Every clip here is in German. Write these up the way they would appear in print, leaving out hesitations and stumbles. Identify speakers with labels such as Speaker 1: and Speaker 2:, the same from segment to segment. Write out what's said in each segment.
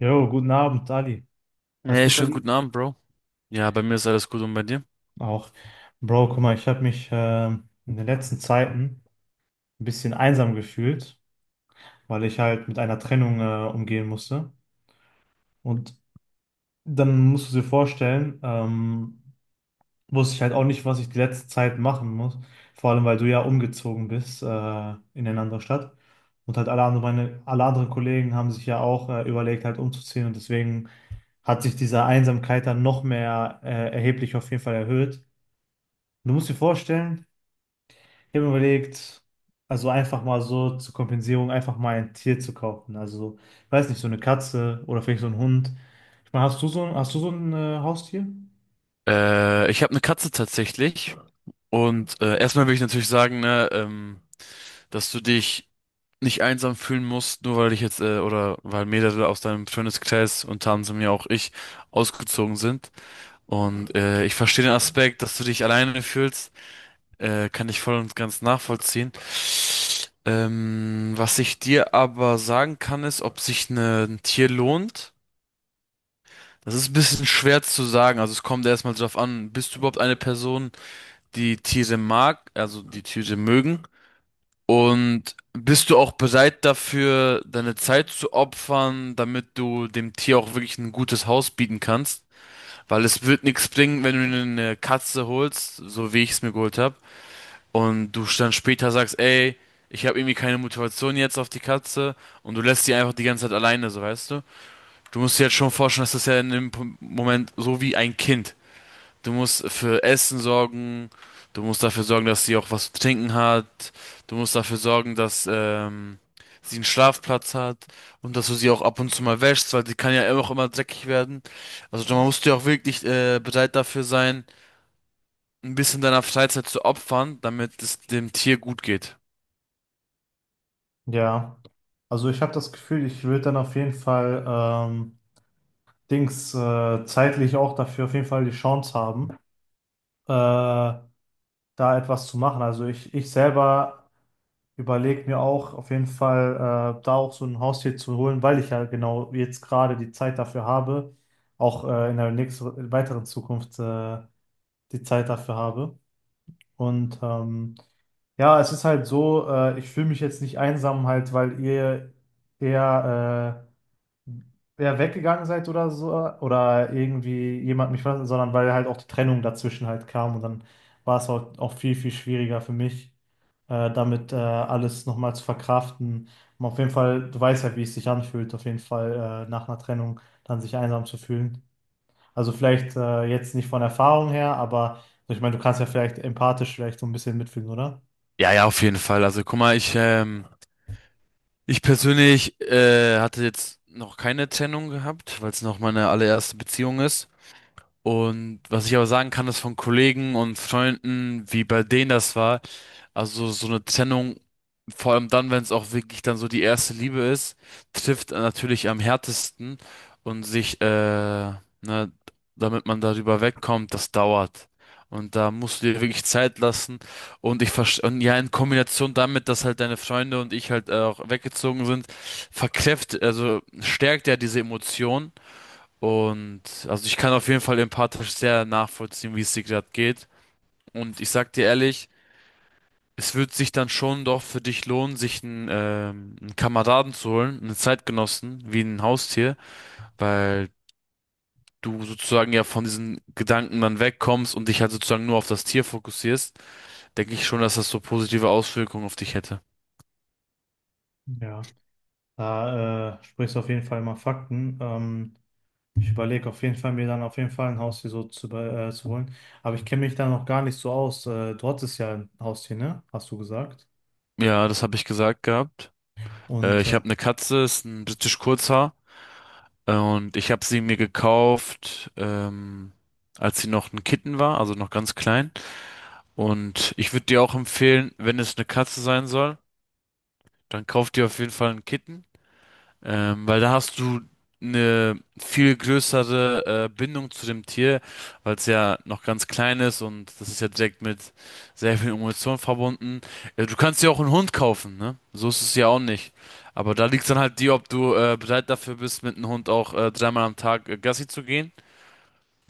Speaker 1: Jo, guten Abend, Ali. Alles
Speaker 2: Hey,
Speaker 1: gut bei
Speaker 2: schönen guten
Speaker 1: dir?
Speaker 2: Abend, Bro. Ja, bei mir ist alles gut und bei dir?
Speaker 1: Auch. Bro, guck mal, ich habe mich in den letzten Zeiten ein bisschen einsam gefühlt, weil ich halt mit einer Trennung umgehen musste. Und dann musst du dir vorstellen, wusste ich halt auch nicht, was ich die letzte Zeit machen muss. Vor allem, weil du ja umgezogen bist in eine andere Stadt. Und halt alle anderen, meine, alle anderen Kollegen haben sich ja auch überlegt, halt umzuziehen. Und deswegen hat sich diese Einsamkeit dann noch mehr erheblich auf jeden Fall erhöht. Du musst dir vorstellen, ich habe mir überlegt, also einfach mal so zur Kompensierung einfach mal ein Tier zu kaufen. Also, ich weiß nicht, so eine Katze oder vielleicht so ein Hund. Ich meine, hast du so ein Haustier?
Speaker 2: Ich habe eine Katze tatsächlich. Und erstmal will ich natürlich sagen, ne, dass du dich nicht einsam fühlen musst, nur weil ich jetzt, oder weil mehrere aus deinem Freundeskreis, unter anderem ja auch ich, ausgezogen sind. Und ich verstehe den Aspekt, dass du dich alleine fühlst, kann ich voll und ganz nachvollziehen. Was ich dir aber sagen kann, ist, ob sich ein Tier lohnt. Das ist ein bisschen schwer zu sagen. Also es kommt erstmal drauf an, bist du überhaupt eine Person, die Tiere mag, also die Tiere mögen? Und bist du auch bereit dafür, deine Zeit zu opfern, damit du dem Tier auch wirklich ein gutes Haus bieten kannst? Weil es wird nichts bringen, wenn du dir eine Katze holst, so wie ich es mir geholt habe, und du dann später sagst, ey, ich habe irgendwie keine Motivation jetzt auf die Katze und du lässt sie einfach die ganze Zeit alleine, so weißt du? Du musst dir jetzt schon vorstellen, dass das ja in dem Moment so wie ein Kind. Du musst für Essen sorgen, du musst dafür sorgen, dass sie auch was zu trinken hat, du musst dafür sorgen, dass sie einen Schlafplatz hat und dass du sie auch ab und zu mal wäschst, weil sie kann ja auch immer dreckig werden. Also man musst ja auch wirklich bereit dafür sein, ein bisschen deiner Freizeit zu opfern, damit es dem Tier gut geht.
Speaker 1: Ja, also ich habe das Gefühl, ich würde dann auf jeden Fall Dings zeitlich auch dafür auf jeden Fall die Chance haben, äh, da etwas zu machen. Also ich selber überlege mir auch auf jeden Fall, da auch so ein Haustier zu holen, weil ich ja genau jetzt gerade die Zeit dafür habe, auch in der nächsten, weiteren Zukunft die Zeit dafür habe. Und ja, es ist halt so, ich fühle mich jetzt nicht einsam halt, weil ihr eher, eher weggegangen seid oder so, oder irgendwie jemand mich verlassen, sondern weil halt auch die Trennung dazwischen halt kam und dann war es halt auch viel, viel schwieriger für mich damit alles nochmal zu verkraften. Und auf jeden Fall, du weißt ja, wie es sich anfühlt, auf jeden Fall nach einer Trennung dann sich einsam zu fühlen. Also vielleicht jetzt nicht von Erfahrung her, aber ich meine, du kannst ja vielleicht empathisch vielleicht so ein bisschen mitfühlen, oder?
Speaker 2: Ja, ja, auf jeden Fall. Also guck mal, ich, ich persönlich hatte jetzt noch keine Trennung gehabt, weil es noch meine allererste Beziehung ist. Und was ich aber sagen kann, ist von Kollegen und Freunden, wie bei denen das war, also so eine Trennung, vor allem dann, wenn es auch wirklich dann so die erste Liebe ist, trifft natürlich am härtesten und sich, ne, damit man darüber wegkommt, das dauert. Und da musst du dir wirklich Zeit lassen. Und ich verstehe, und ja, in Kombination damit, dass halt deine Freunde und ich halt auch weggezogen sind, also stärkt ja diese Emotion. Und also ich kann auf jeden Fall empathisch sehr nachvollziehen, wie es dir gerade geht. Und ich sag dir ehrlich, es wird sich dann schon doch für dich lohnen, sich einen, einen Kameraden zu holen, einen Zeitgenossen, wie ein Haustier, weil du sozusagen ja von diesen Gedanken dann wegkommst und dich halt sozusagen nur auf das Tier fokussierst, denke ich schon, dass das so positive Auswirkungen auf dich hätte.
Speaker 1: Ja, da sprichst du auf jeden Fall mal Fakten. Ich überlege auf jeden Fall, mir dann auf jeden Fall ein Haustier zu holen. Aber ich kenne mich da noch gar nicht so aus. Du hattest ja ein Haustier, ne? Hast du gesagt.
Speaker 2: Ja, das habe ich gesagt gehabt.
Speaker 1: Und
Speaker 2: Ich habe eine Katze, ist ein britisch Kurzhaar. Und ich habe sie mir gekauft, als sie noch ein Kitten war, also noch ganz klein. Und ich würde dir auch empfehlen, wenn es eine Katze sein soll, dann kauf dir auf jeden Fall einen Kitten, weil da hast du eine viel größere Bindung zu dem Tier, weil es ja noch ganz klein ist und das ist ja direkt mit sehr viel Emotion verbunden. Du kannst dir auch einen Hund kaufen, ne? So ist es ja auch nicht. Aber da liegt dann halt die, ob du bereit dafür bist, mit einem Hund auch dreimal am Tag Gassi zu gehen.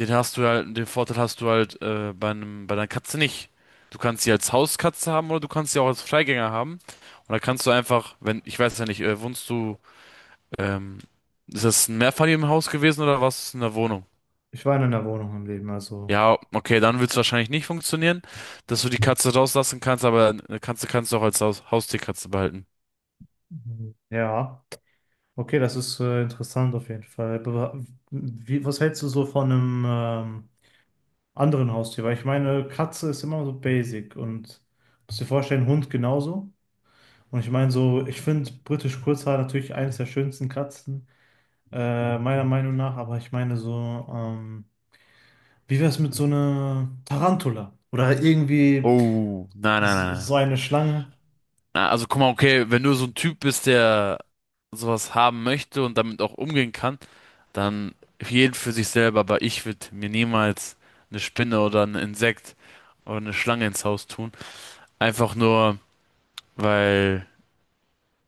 Speaker 2: Den hast du halt, den Vorteil hast du halt bei einem, bei deiner Katze nicht. Du kannst sie als Hauskatze haben oder du kannst sie auch als Freigänger haben. Und da kannst du einfach, wenn, ich weiß ja nicht, wohnst du, ähm, ist das ein Mehrfamilienhaus gewesen oder warst du in einer Wohnung?
Speaker 1: ich war in einer Wohnung im Leben, also.
Speaker 2: Ja, okay, dann wird es wahrscheinlich nicht funktionieren, dass du die Katze rauslassen kannst, aber eine Katze kannst du auch als Haustierkatze behalten.
Speaker 1: Mhm. Ja, okay, das ist interessant auf jeden Fall. Aber wie, was hältst du so von einem anderen Haustier? Weil ich meine, Katze ist immer so basic und musst dir vorstellen, Hund genauso. Und ich meine so, ich finde britisch Kurzhaar natürlich eines der schönsten Katzen, meiner Meinung nach. Aber ich meine so, wie wäre es mit so einer Tarantula? Oder irgendwie
Speaker 2: Oh, nein, nein, nein, nein.
Speaker 1: so eine Schlange?
Speaker 2: Na, also guck mal, okay, wenn du so ein Typ bist, der sowas haben möchte und damit auch umgehen kann, dann für jeden für sich selber. Aber ich würde mir niemals eine Spinne oder ein Insekt oder eine Schlange ins Haus tun. Einfach nur, weil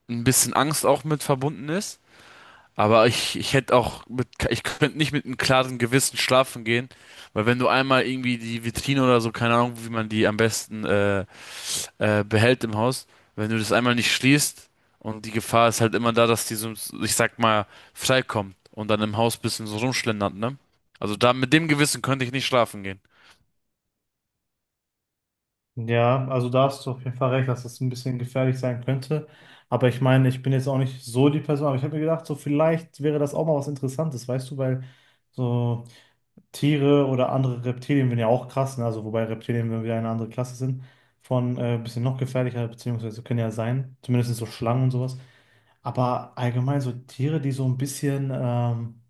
Speaker 2: ein bisschen Angst auch mit verbunden ist. Aber ich hätte auch mit, ich könnte nicht mit einem klaren Gewissen schlafen gehen, weil wenn du einmal irgendwie die Vitrine oder so, keine Ahnung, wie man die am besten behält im Haus, wenn du das einmal nicht schließt und die Gefahr ist halt immer da, dass die so, ich sag mal, freikommt und dann im Haus bisschen so rumschlendert, ne? Also da mit dem Gewissen könnte ich nicht schlafen gehen.
Speaker 1: Ja, also da hast du auf jeden Fall recht, dass das ein bisschen gefährlich sein könnte. Aber ich meine, ich bin jetzt auch nicht so die Person, aber ich habe mir gedacht, so vielleicht wäre das auch mal was Interessantes, weißt du, weil so Tiere oder andere Reptilien sind ja auch krass, ne? Also wobei Reptilien wenn wir eine andere Klasse sind, von ein bisschen noch gefährlicher, beziehungsweise können ja sein, zumindest so Schlangen und sowas. Aber allgemein so Tiere, die so ein bisschen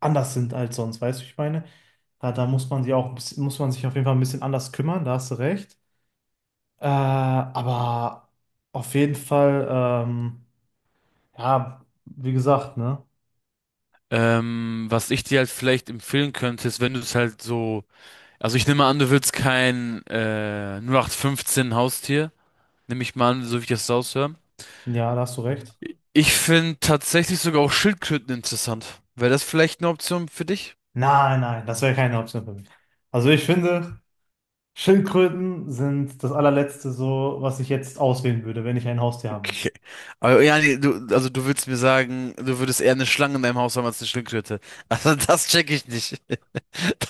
Speaker 1: anders sind als sonst, weißt du, ich meine, da muss man muss man sich auf jeden Fall ein bisschen anders kümmern, da hast du recht. Aber auf jeden Fall, ja, wie gesagt, ne?
Speaker 2: Was ich dir halt vielleicht empfehlen könnte, ist, wenn du es halt so, also ich nehme an, du willst kein 08/15 Haustier, nehme ich mal an, so wie ich das raushöre.
Speaker 1: Ja, da hast du recht.
Speaker 2: Ich finde tatsächlich sogar auch Schildkröten interessant. Wäre das vielleicht eine Option für dich?
Speaker 1: Nein, nein, das wäre keine Option für mich. Also ich finde, Schildkröten sind das allerletzte so, was ich jetzt auswählen würde, wenn ich ein Haustier haben möchte.
Speaker 2: Okay. Aber ja, nee, du, also du willst mir sagen, du würdest eher eine Schlange in deinem Haus haben als eine Schildkröte. Also das check ich nicht.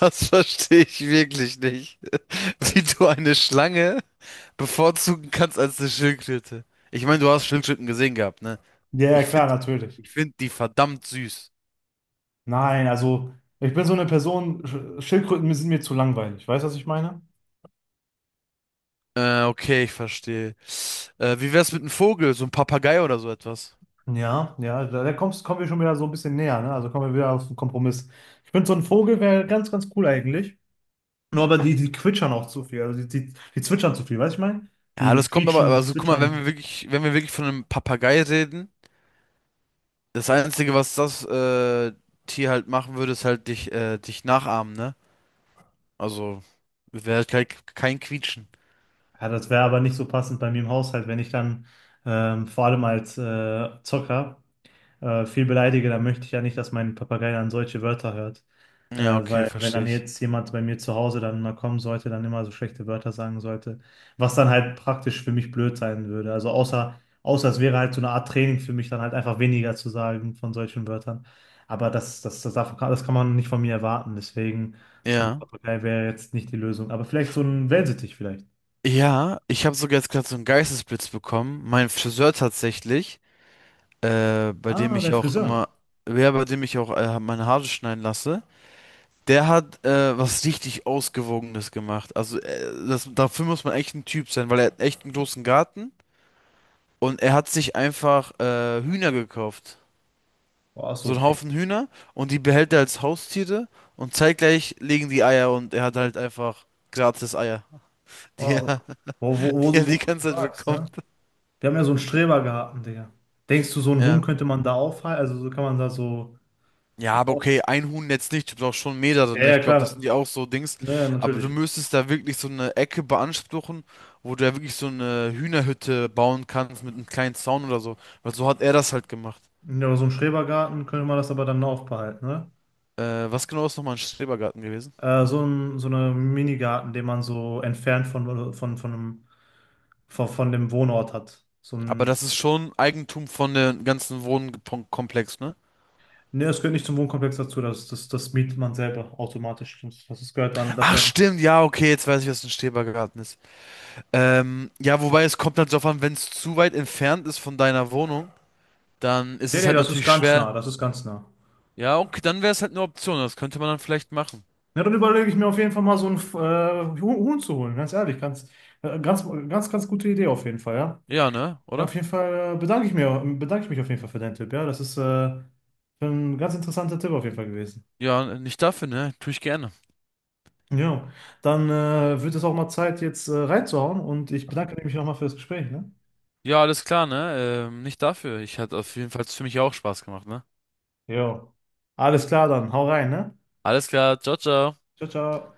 Speaker 2: Das verstehe ich wirklich nicht. Wie du eine Schlange bevorzugen kannst als eine Schildkröte. Ich meine, du hast Schildkröten gesehen gehabt, ne?
Speaker 1: Ja, ja,
Speaker 2: Ich
Speaker 1: klar,
Speaker 2: finde,
Speaker 1: natürlich.
Speaker 2: ich finde die verdammt süß.
Speaker 1: Nein, also ich bin so eine Person, Schildkröten sind mir zu langweilig. Weißt du, was ich meine?
Speaker 2: Okay, ich verstehe. Wie wär's mit einem Vogel, so ein Papagei oder so etwas?
Speaker 1: Ja, ja, da kommen wir schon wieder so ein bisschen näher, ne? Also kommen wir wieder auf den Kompromiss. Ich finde, so ein Vogel wäre ganz, ganz cool eigentlich. Nur aber die quietschern auch zu viel. Also die zwitschern zu viel, weißt du, ich meine?
Speaker 2: Ja,
Speaker 1: Die
Speaker 2: das kommt aber,
Speaker 1: quietschen,
Speaker 2: also guck mal,
Speaker 1: zwitschern.
Speaker 2: wenn wir wirklich von einem Papagei reden. Das Einzige, was das Tier halt machen würde, ist halt dich nachahmen, ne? Also wäre halt kein Quietschen.
Speaker 1: Ja, das wäre aber nicht so passend bei mir im Haushalt, wenn ich dann vor allem als Zocker viel beleidige, dann möchte ich ja nicht, dass mein Papagei dann solche Wörter hört.
Speaker 2: Ja, okay,
Speaker 1: Weil wenn
Speaker 2: verstehe
Speaker 1: dann
Speaker 2: ich.
Speaker 1: jetzt jemand bei mir zu Hause dann mal kommen sollte, dann immer so schlechte Wörter sagen sollte, was dann halt praktisch für mich blöd sein würde. Also außer es wäre halt so eine Art Training für mich, dann halt einfach weniger zu sagen von solchen Wörtern. Aber das kann man nicht von mir erwarten. Deswegen, so ein
Speaker 2: Ja.
Speaker 1: Papagei wäre jetzt nicht die Lösung. Aber vielleicht so ein Wellensittich vielleicht.
Speaker 2: Ja, ich habe sogar jetzt gerade so einen Geistesblitz bekommen. Mein Friseur tatsächlich, bei dem
Speaker 1: Ah, dein
Speaker 2: ich auch
Speaker 1: Friseur.
Speaker 2: immer, ja, bei dem ich auch meine Haare schneiden lasse, der hat was richtig Ausgewogenes gemacht. Also dafür muss man echt ein Typ sein, weil er hat echt einen großen Garten und er hat sich einfach Hühner gekauft.
Speaker 1: Oh,
Speaker 2: So
Speaker 1: so
Speaker 2: einen
Speaker 1: viel.
Speaker 2: Haufen Hühner und die behält er als Haustiere und zeitgleich legen die Eier und er hat halt einfach gratis Eier, die
Speaker 1: Oh,
Speaker 2: er die, er
Speaker 1: wo
Speaker 2: die
Speaker 1: du
Speaker 2: ganze Zeit
Speaker 1: sagst,
Speaker 2: bekommt.
Speaker 1: ne? Wir haben ja so einen Strebergarten, Digga. Denkst du, so einen Huhn
Speaker 2: Ja.
Speaker 1: könnte man da aufhalten? Also so kann man da so
Speaker 2: Ja, aber okay,
Speaker 1: oft.
Speaker 2: ein Huhn jetzt nicht, du brauchst schon mehrere,
Speaker 1: Ja,
Speaker 2: ne?
Speaker 1: ja,
Speaker 2: Ich glaube, das sind
Speaker 1: klar.
Speaker 2: die auch so Dings.
Speaker 1: Naja,
Speaker 2: Aber du
Speaker 1: natürlich.
Speaker 2: müsstest da wirklich so eine Ecke beanspruchen, wo du ja wirklich so eine Hühnerhütte bauen kannst mit einem kleinen Zaun oder so. Weil so hat er das halt gemacht.
Speaker 1: Ja, aber so einen Schrebergarten könnte man das aber dann aufbehalten, ne?
Speaker 2: Was genau ist nochmal ein Schrebergarten gewesen?
Speaker 1: So ein, so eine Minigarten, den man so entfernt von einem, von dem Wohnort hat. So
Speaker 2: Aber
Speaker 1: ein.
Speaker 2: das ist schon Eigentum von dem ganzen Wohnkomplex, ne?
Speaker 1: Ne, es gehört nicht zum Wohnkomplex dazu, das mietet man selber automatisch. Das gehört man, das
Speaker 2: Ach
Speaker 1: gehört.
Speaker 2: stimmt, ja, okay, jetzt weiß ich, was ein Schrebergarten ist. Ja, wobei es kommt halt darauf an, wenn es zu weit entfernt ist von deiner Wohnung, dann ist
Speaker 1: Nee,
Speaker 2: es
Speaker 1: nee,
Speaker 2: halt
Speaker 1: das ist
Speaker 2: natürlich
Speaker 1: ganz
Speaker 2: schwer.
Speaker 1: nah, das ist ganz nah.
Speaker 2: Ja, okay, dann wäre es halt eine Option, das könnte man dann vielleicht machen.
Speaker 1: Ja, dann überlege ich mir auf jeden Fall mal so einen Huhn zu holen, ganz ehrlich. Ganz gute Idee auf jeden Fall, ja.
Speaker 2: Ja, ne,
Speaker 1: Ja,
Speaker 2: oder?
Speaker 1: auf jeden Fall bedanke ich mich auf jeden Fall für deinen Tipp, ja. Das ist ein ganz interessanter Tipp auf jeden Fall gewesen.
Speaker 2: Ja, nicht dafür, ne? Tue ich gerne.
Speaker 1: Ja, dann wird es auch mal Zeit, jetzt reinzuhauen und ich bedanke mich nochmal für das Gespräch, ne?
Speaker 2: Ja, alles klar, ne? Nicht dafür. Ich hatte auf jeden Fall für mich auch Spaß gemacht, ne?
Speaker 1: Jo. Alles klar dann, hau rein, ne?
Speaker 2: Alles klar, ciao, ciao.
Speaker 1: Ciao, ciao.